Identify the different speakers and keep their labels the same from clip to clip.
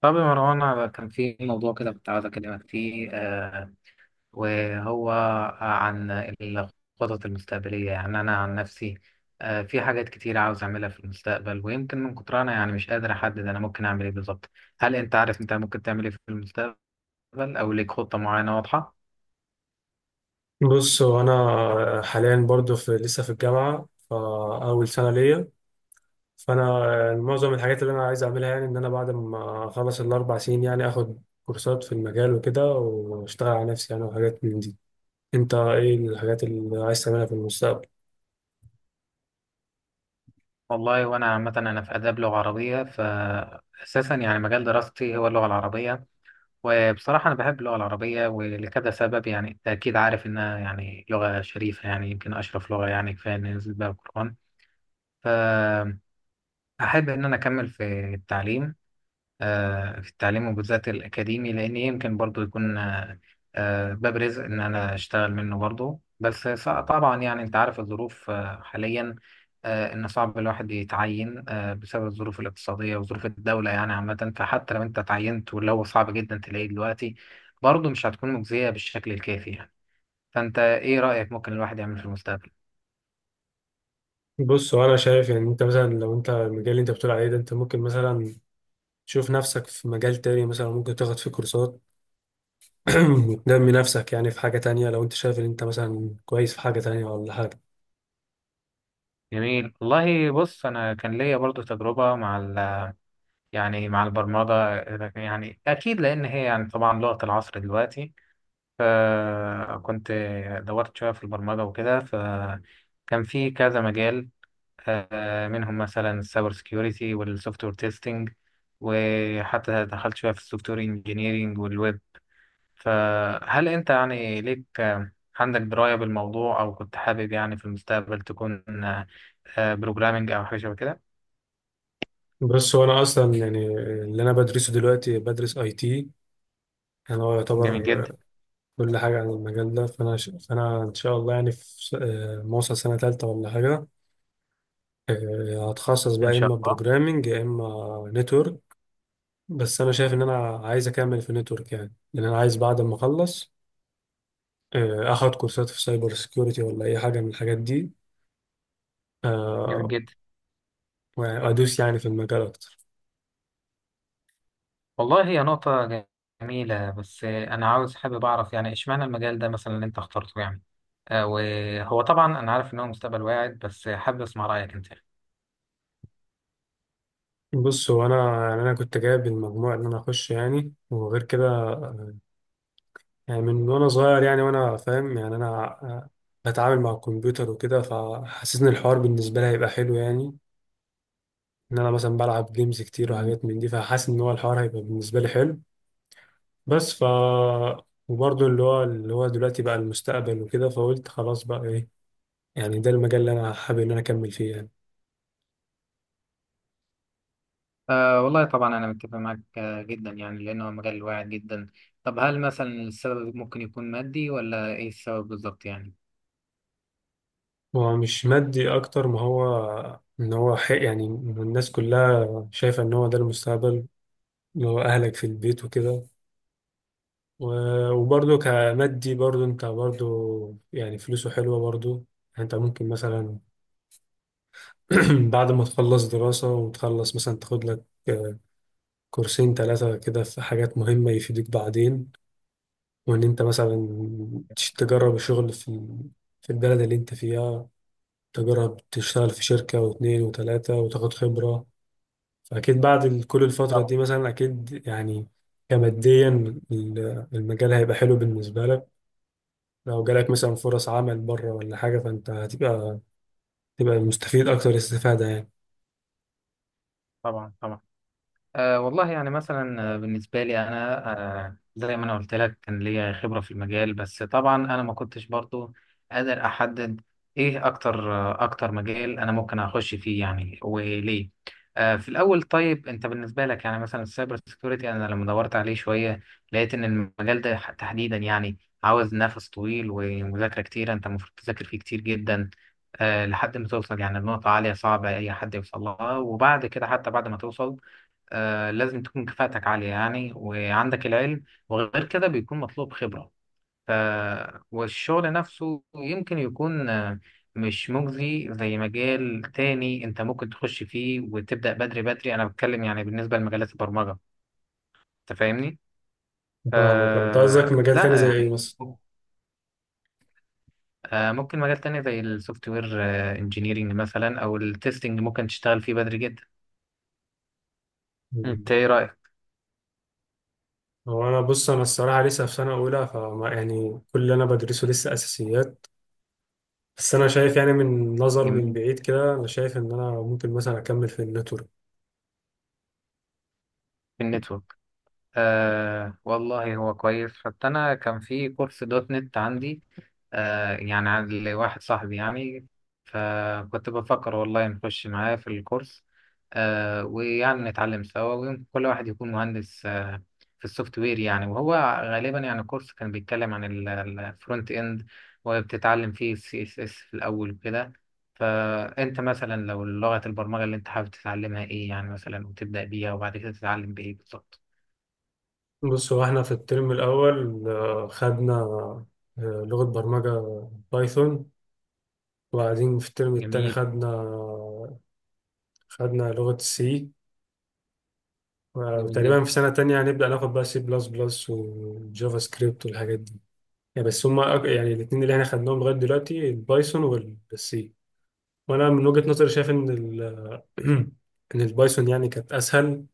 Speaker 1: طب يا مروان، أنا كان في موضوع كده كنت عاوز أكلمك فيه. وهو عن الخطط المستقبلية. يعني أنا عن نفسي في حاجات كتير عاوز أعملها في المستقبل، ويمكن من كتر أنا يعني مش قادر أحدد أنا ممكن أعمل إيه بالظبط. هل أنت عارف أنت ممكن تعمل إيه في المستقبل أو ليك خطة معينة واضحة؟
Speaker 2: بص، هو انا حاليا برضو لسه في الجامعه، فاول سنه ليا. فانا معظم الحاجات اللي انا عايز اعملها، يعني ان انا بعد ما اخلص 4 سنين يعني اخد كورسات في المجال وكده واشتغل على نفسي يعني، وحاجات من دي. انت ايه الحاجات اللي عايز تعملها في المستقبل؟
Speaker 1: والله وأنا عامة أنا في آداب لغة عربية، فأساسا يعني مجال دراستي هو اللغة العربية. وبصراحة أنا بحب اللغة العربية ولكذا سبب، يعني أنت أكيد عارف إنها يعني لغة شريفة، يعني يمكن أشرف لغة، يعني كفاية إن نزل بها القرآن. فأحب إن أنا أكمل في التعليم، في التعليم وبالذات الأكاديمي، لأن يمكن برضو يكون باب رزق إن أنا أشتغل منه برضو. بس طبعا يعني أنت عارف الظروف حاليا إن صعب الواحد يتعين بسبب الظروف الاقتصادية وظروف الدولة يعني عامة. فحتى لو أنت تعينت، واللي هو صعب جدا تلاقيه دلوقتي، برضو مش هتكون مجزية بالشكل الكافي يعني. فأنت إيه رأيك ممكن الواحد يعمل في المستقبل؟
Speaker 2: بص، هو انا شايف يعني انت مثلا لو انت المجال اللي انت بتقول عليه ده، انت ممكن مثلا تشوف نفسك في مجال تاني، مثلا ممكن تاخد فيه كورسات وتنمي نفسك يعني في حاجه تانية، لو انت شايف ان انت مثلا كويس في حاجه تانية ولا حاجه.
Speaker 1: جميل والله. بص، أنا كان ليا برضو تجربة مع يعني مع البرمجة، يعني أكيد لأن هي يعني طبعا لغة العصر دلوقتي. فكنت دورت شوية في البرمجة وكده، فكان في كذا مجال، منهم مثلا السايبر سكيورتي والسوفت وير تيستنج، وحتى دخلت شوية في السوفت وير انجينيرينج والويب. فهل أنت يعني ليك عندك دراية بالموضوع، أو كنت حابب يعني في المستقبل تكون بروجرامينج أو حاجة شبه كده؟
Speaker 2: بس وانا اصلا يعني اللي انا بدرسه دلوقتي بدرس اي تي. انا هو
Speaker 1: جميل
Speaker 2: يعتبر
Speaker 1: جدا.
Speaker 2: كل حاجه عن المجال ده. فانا ان شاء الله يعني في س- آه، ما اوصل سنه ثالثه ولا حاجه، هتخصص بقى
Speaker 1: إن
Speaker 2: يا
Speaker 1: شاء
Speaker 2: اما
Speaker 1: الله.
Speaker 2: بروجرامنج يا اما نتورك. بس انا شايف ان انا عايز اكمل في نتورك يعني، لان انا عايز بعد ما اخلص اخد كورسات في سايبر سيكيورتي ولا اي حاجه من الحاجات دي،
Speaker 1: جميل
Speaker 2: آه،
Speaker 1: جدا.
Speaker 2: وادوس يعني في المجال اكتر.
Speaker 1: والله هي نقطة جميلة، بس أنا عاوز حابب أعرف يعني إشمعنى المجال ده مثلا اللي أنت اخترته يعني وهو طبعا أنا عارف إن هو مستقبل واعد، بس حابب أسمع رأيك أنت.
Speaker 2: بص، هو انا يعني انا كنت جايب المجموع ان انا اخش يعني، وغير كده يعني من وانا صغير يعني وانا فاهم يعني انا آه، بتعامل مع الكمبيوتر وكده، فحاسس ان الحوار بالنسبه لي هيبقى حلو يعني. ان انا مثلا بلعب جيمز كتير وحاجات من دي، فحاسس ان هو الحوار هيبقى بالنسبه لي حلو. بس ف وبرضه اللي هو دلوقتي بقى المستقبل وكده، فقلت خلاص بقى ايه، يعني ده المجال اللي انا حابب ان انا اكمل فيه يعني.
Speaker 1: أه والله طبعا أنا متفق معاك جدا يعني، لأنه مجال واعد جدا. طب هل مثلا السبب ممكن يكون مادي ولا إيه السبب بالظبط يعني؟
Speaker 2: هو مش مادي اكتر ما هو ان هو حق، يعني الناس كلها شايفه ان هو ده المستقبل، اللي هو اهلك في البيت وكده. وبرضه كمادي برضه، انت برضه يعني فلوسه حلوة برضه يعني. انت ممكن مثلا بعد ما تخلص دراسة وتخلص مثلا تاخد لك 2 3 كورسات كده في حاجات مهمة يفيدوك بعدين. وان انت مثلا تجرب الشغل في البلد اللي انت فيها، تجرب تشتغل في شركة و2 و3 وتاخد خبرة. فأكيد بعد كل الفترة
Speaker 1: طبعا،
Speaker 2: دي مثلا، أكيد يعني كماديا المجال هيبقى حلو بالنسبة لك. لو جالك مثلا فرص عمل بره ولا حاجة، فأنت تبقى مستفيد أكتر استفادة يعني.
Speaker 1: طبعا، طبعا. أه والله، يعني مثلا بالنسبة لي أنا، أه زي ما أنا قلت لك كان ليا خبرة في المجال، بس طبعا أنا ما كنتش برضو قادر أحدد إيه أكتر أكتر مجال أنا ممكن أخش فيه يعني وليه. أه في الأول طيب أنت بالنسبة لك، يعني مثلا السايبر سيكيورتي أنا لما دورت عليه شوية لقيت إن المجال ده تحديدا يعني عاوز نفس طويل ومذاكرة كتير، أنت المفروض تذاكر فيه كتير جدا، أه لحد ما توصل يعني لنقطة عالية صعبة أي حد يوصل لها. وبعد كده، حتى بعد ما توصل، آه لازم تكون كفاءتك عالية يعني، وعندك العلم، وغير كده بيكون مطلوب خبرة. ف... والشغل نفسه يمكن يكون مش مجزي زي مجال تاني انت ممكن تخش فيه وتبدأ بدري. بدري انا بتكلم يعني بالنسبة لمجالات البرمجة. انت فاهمني؟ ف...
Speaker 2: فاهمك، أنت قصدك مجال تاني
Speaker 1: لا
Speaker 2: زي إيه
Speaker 1: يعني
Speaker 2: مثلا؟
Speaker 1: ممكن مجال تاني زي السوفت وير انجينيرنج مثلا، او التستنج ممكن تشتغل فيه بدري جدا.
Speaker 2: مم.
Speaker 1: انت ايه رأيك؟
Speaker 2: هو أنا، بص، أنا الصراحة لسه في سنة أولى، فما يعني كل اللي أنا بدرسه لسه أساسيات. بس أنا شايف يعني من نظر من
Speaker 1: جميل.
Speaker 2: بعيد كده، أنا شايف إن أنا ممكن مثلا أكمل في النتورك.
Speaker 1: في النتورك، آه والله هو كويس. حتى أنا كان في كورس دوت نت عندي، آه يعني عند واحد صاحبي يعني، فكنت بفكر والله نخش معاه في الكورس، آه ويعني نتعلم سوا، ويمكن كل واحد يكون مهندس آه في السوفت وير يعني. وهو غالبا يعني الكورس كان بيتكلم عن الفرونت إند، وبتتعلم فيه السي اس اس في الأول وكده. فأنت مثلا لو لغة البرمجة اللي أنت حابب تتعلمها إيه يعني مثلا، وتبدأ بيها، وبعد كده تتعلم بإيه بالظبط؟
Speaker 2: بص، هو إحنا في الترم الأول خدنا لغة برمجة بايثون، وبعدين في الترم التاني
Speaker 1: جميل.
Speaker 2: خدنا لغة سي،
Speaker 1: جميل
Speaker 2: وتقريبا
Speaker 1: جدا.
Speaker 2: في سنة تانية هنبدأ ناخد بقى سي بلس بلس وجافا سكريبت والحاجات دي يعني. بس هما يعني الاتنين اللي احنا خدناهم لغاية دلوقتي، البايثون والسي، وأنا من وجهة نظري شايف إن البايثون يعني كانت أسهل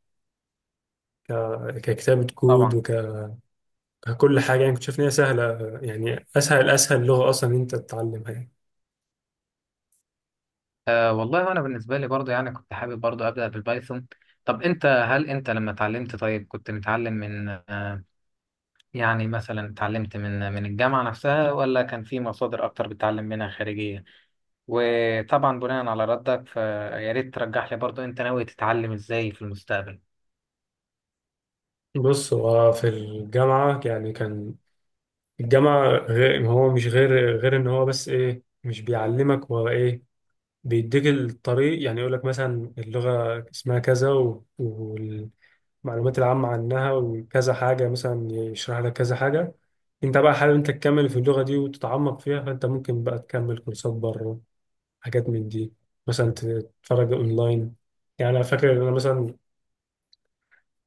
Speaker 2: ككتابة كود
Speaker 1: طبعا.
Speaker 2: وككل حاجة يعني. كنت شايف إن هي سهلة يعني، أسهل لغة أصلا إن أنت تتعلمها يعني.
Speaker 1: آه والله انا بالنسبه لي برضه يعني كنت حابب برضه ابدا بالبايثون. طب انت هل انت لما اتعلمت، طيب كنت متعلم من آه يعني مثلا اتعلمت من الجامعه نفسها، ولا كان في مصادر اكتر بتتعلم منها خارجيه؟ وطبعا بناء على ردك، فيا ريت ترجح لي برضه انت ناوي تتعلم ازاي في المستقبل.
Speaker 2: بص، هو في الجامعة يعني كان الجامعة غير، هو مش غير إن هو بس إيه، مش بيعلمك هو إيه، بيديك الطريق يعني. يقول لك مثلا اللغة اسمها كذا والمعلومات العامة عنها وكذا حاجة، مثلا يشرح لك كذا حاجة. انت بقى حابب انت تكمل في اللغة دي وتتعمق فيها، فانت ممكن بقى تكمل كورسات بره، حاجات من دي، مثلا تتفرج اونلاين. يعني انا فاكر ان انا مثلا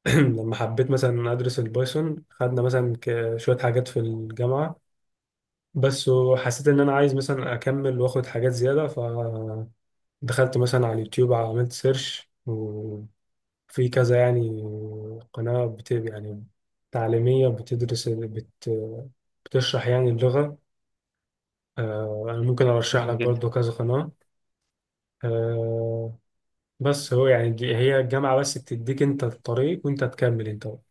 Speaker 2: لما حبيت مثلا ادرس البايثون، خدنا مثلا شوية حاجات في الجامعة بس، وحسيت ان انا عايز مثلا اكمل واخد حاجات زيادة، دخلت مثلا على اليوتيوب عملت سيرش، وفي كذا يعني قناة بت يعني تعليمية بتدرس بت، بتشرح يعني اللغة. أنا ممكن أرشح لك
Speaker 1: جميل.
Speaker 2: برضو كذا قناة. آه، بس هو يعني هي الجامعة بس بتديك أنت الطريق، وأنت تكمل أنت بقى.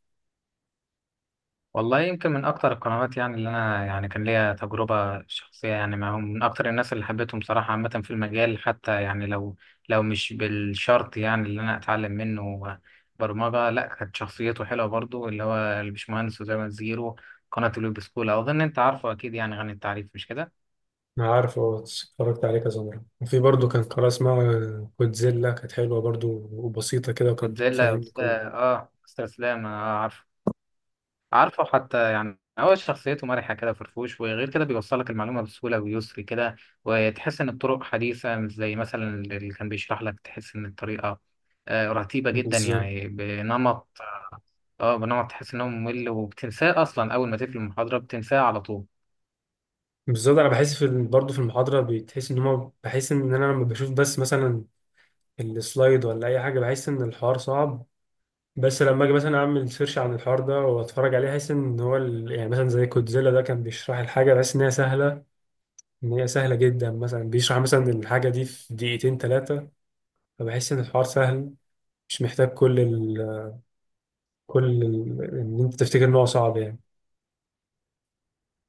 Speaker 1: والله يمكن من اكتر القنوات يعني، اللي انا يعني كان ليا تجربه شخصيه يعني معاهم، من اكتر الناس اللي حبيتهم صراحه عامه في المجال، حتى يعني لو مش بالشرط يعني اللي انا اتعلم منه برمجه لا، كانت شخصيته حلوه برضو، اللي هو البشمهندس وزي ما زيرو، قناه الويب سكول، اظن انت عارفه اكيد، يعني غني التعريف مش كده؟
Speaker 2: أنا عارف، أه، اتفرجت عليه كذا مرة، وفي برضو كان قناة اسمها كودزيلا كانت حلوة برضو وبسيطة كده،
Speaker 1: كنت
Speaker 2: وكانت
Speaker 1: زي لا،
Speaker 2: بتفهمني كل
Speaker 1: اه استاذ اسلام، اه عارفه، عارفه. حتى يعني هو شخصيته مرحة كده فرفوش، وغير كده بيوصلك المعلومة بسهولة ويسر كده، وتحس إن الطرق حديثة، مش زي مثلا اللي كان بيشرح لك تحس إن الطريقة رتيبة جدا
Speaker 2: بالظبط
Speaker 1: يعني بنمط. اه بنمط تحس إنه ممل، وبتنساه أصلا أول ما تقفل المحاضرة بتنساه على طول.
Speaker 2: بالظبط. انا بحس برضه في المحاضره بتحس ان هما، بحس ان انا لما بشوف بس مثلا السلايد ولا اي حاجه، بحس ان الحوار صعب. بس لما اجي مثلا اعمل سيرش عن الحوار ده واتفرج عليه، احس ان هو يعني مثلا زي كودزيلا ده، كان بيشرح الحاجه بحس ان هي سهله، ان هي سهله جدا. مثلا بيشرح مثلا الحاجه دي في 2 3 دقايق، فبحس ان الحوار سهل، مش محتاج كل ال ان انت تفتكر ان هو صعب يعني.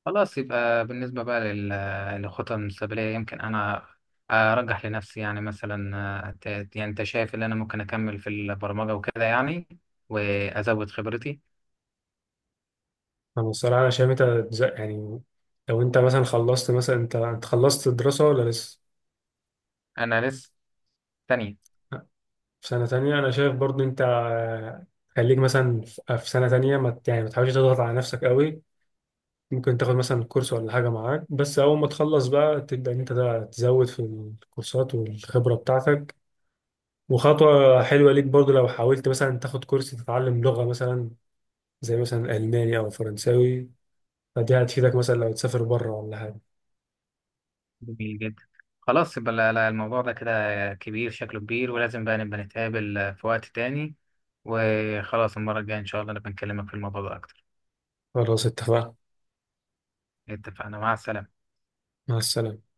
Speaker 1: خلاص، يبقى بالنسبة بقى للخطط المستقبلية، يمكن أنا أرجح لنفسي يعني مثلا آه، ت- يعني أنت شايف إن أنا ممكن أكمل في البرمجة وكده يعني، وأزود خبرتي.
Speaker 2: انا الصراحه انا شايف انت يعني لو انت مثلا خلصت، مثلا انت خلصت الدراسه ولا لسه؟
Speaker 1: أنا لسه تانية.
Speaker 2: في سنة تانية أنا شايف برضو أنت، خليك مثلا في سنة تانية، ما ت- يعني ما تحاولش تضغط على نفسك قوي. ممكن تاخد مثلا كورس ولا حاجة معاك بس، أول ما تخلص بقى تبدأ إن أنت ده تزود في الكورسات والخبرة بتاعتك. وخطوة حلوة ليك برضو لو حاولت مثلا تاخد كورس تتعلم لغة، مثلا زي مثلا ألماني أو فرنساوي، فدي هتفيدك مثلا لو تسافر بره ولا حاجة.
Speaker 1: جميل جدا. خلاص، يبقى لا- لا، الموضوع ده كده كبير، شكله كبير، ولازم بقى نبقى نتقابل في وقت تاني. وخلاص المرة الجاية إن شاء الله نبقى نكلمك في الموضوع ده أكتر.
Speaker 2: خلاص اتفقنا،
Speaker 1: اتفقنا، مع السلامة.
Speaker 2: مع السلامة.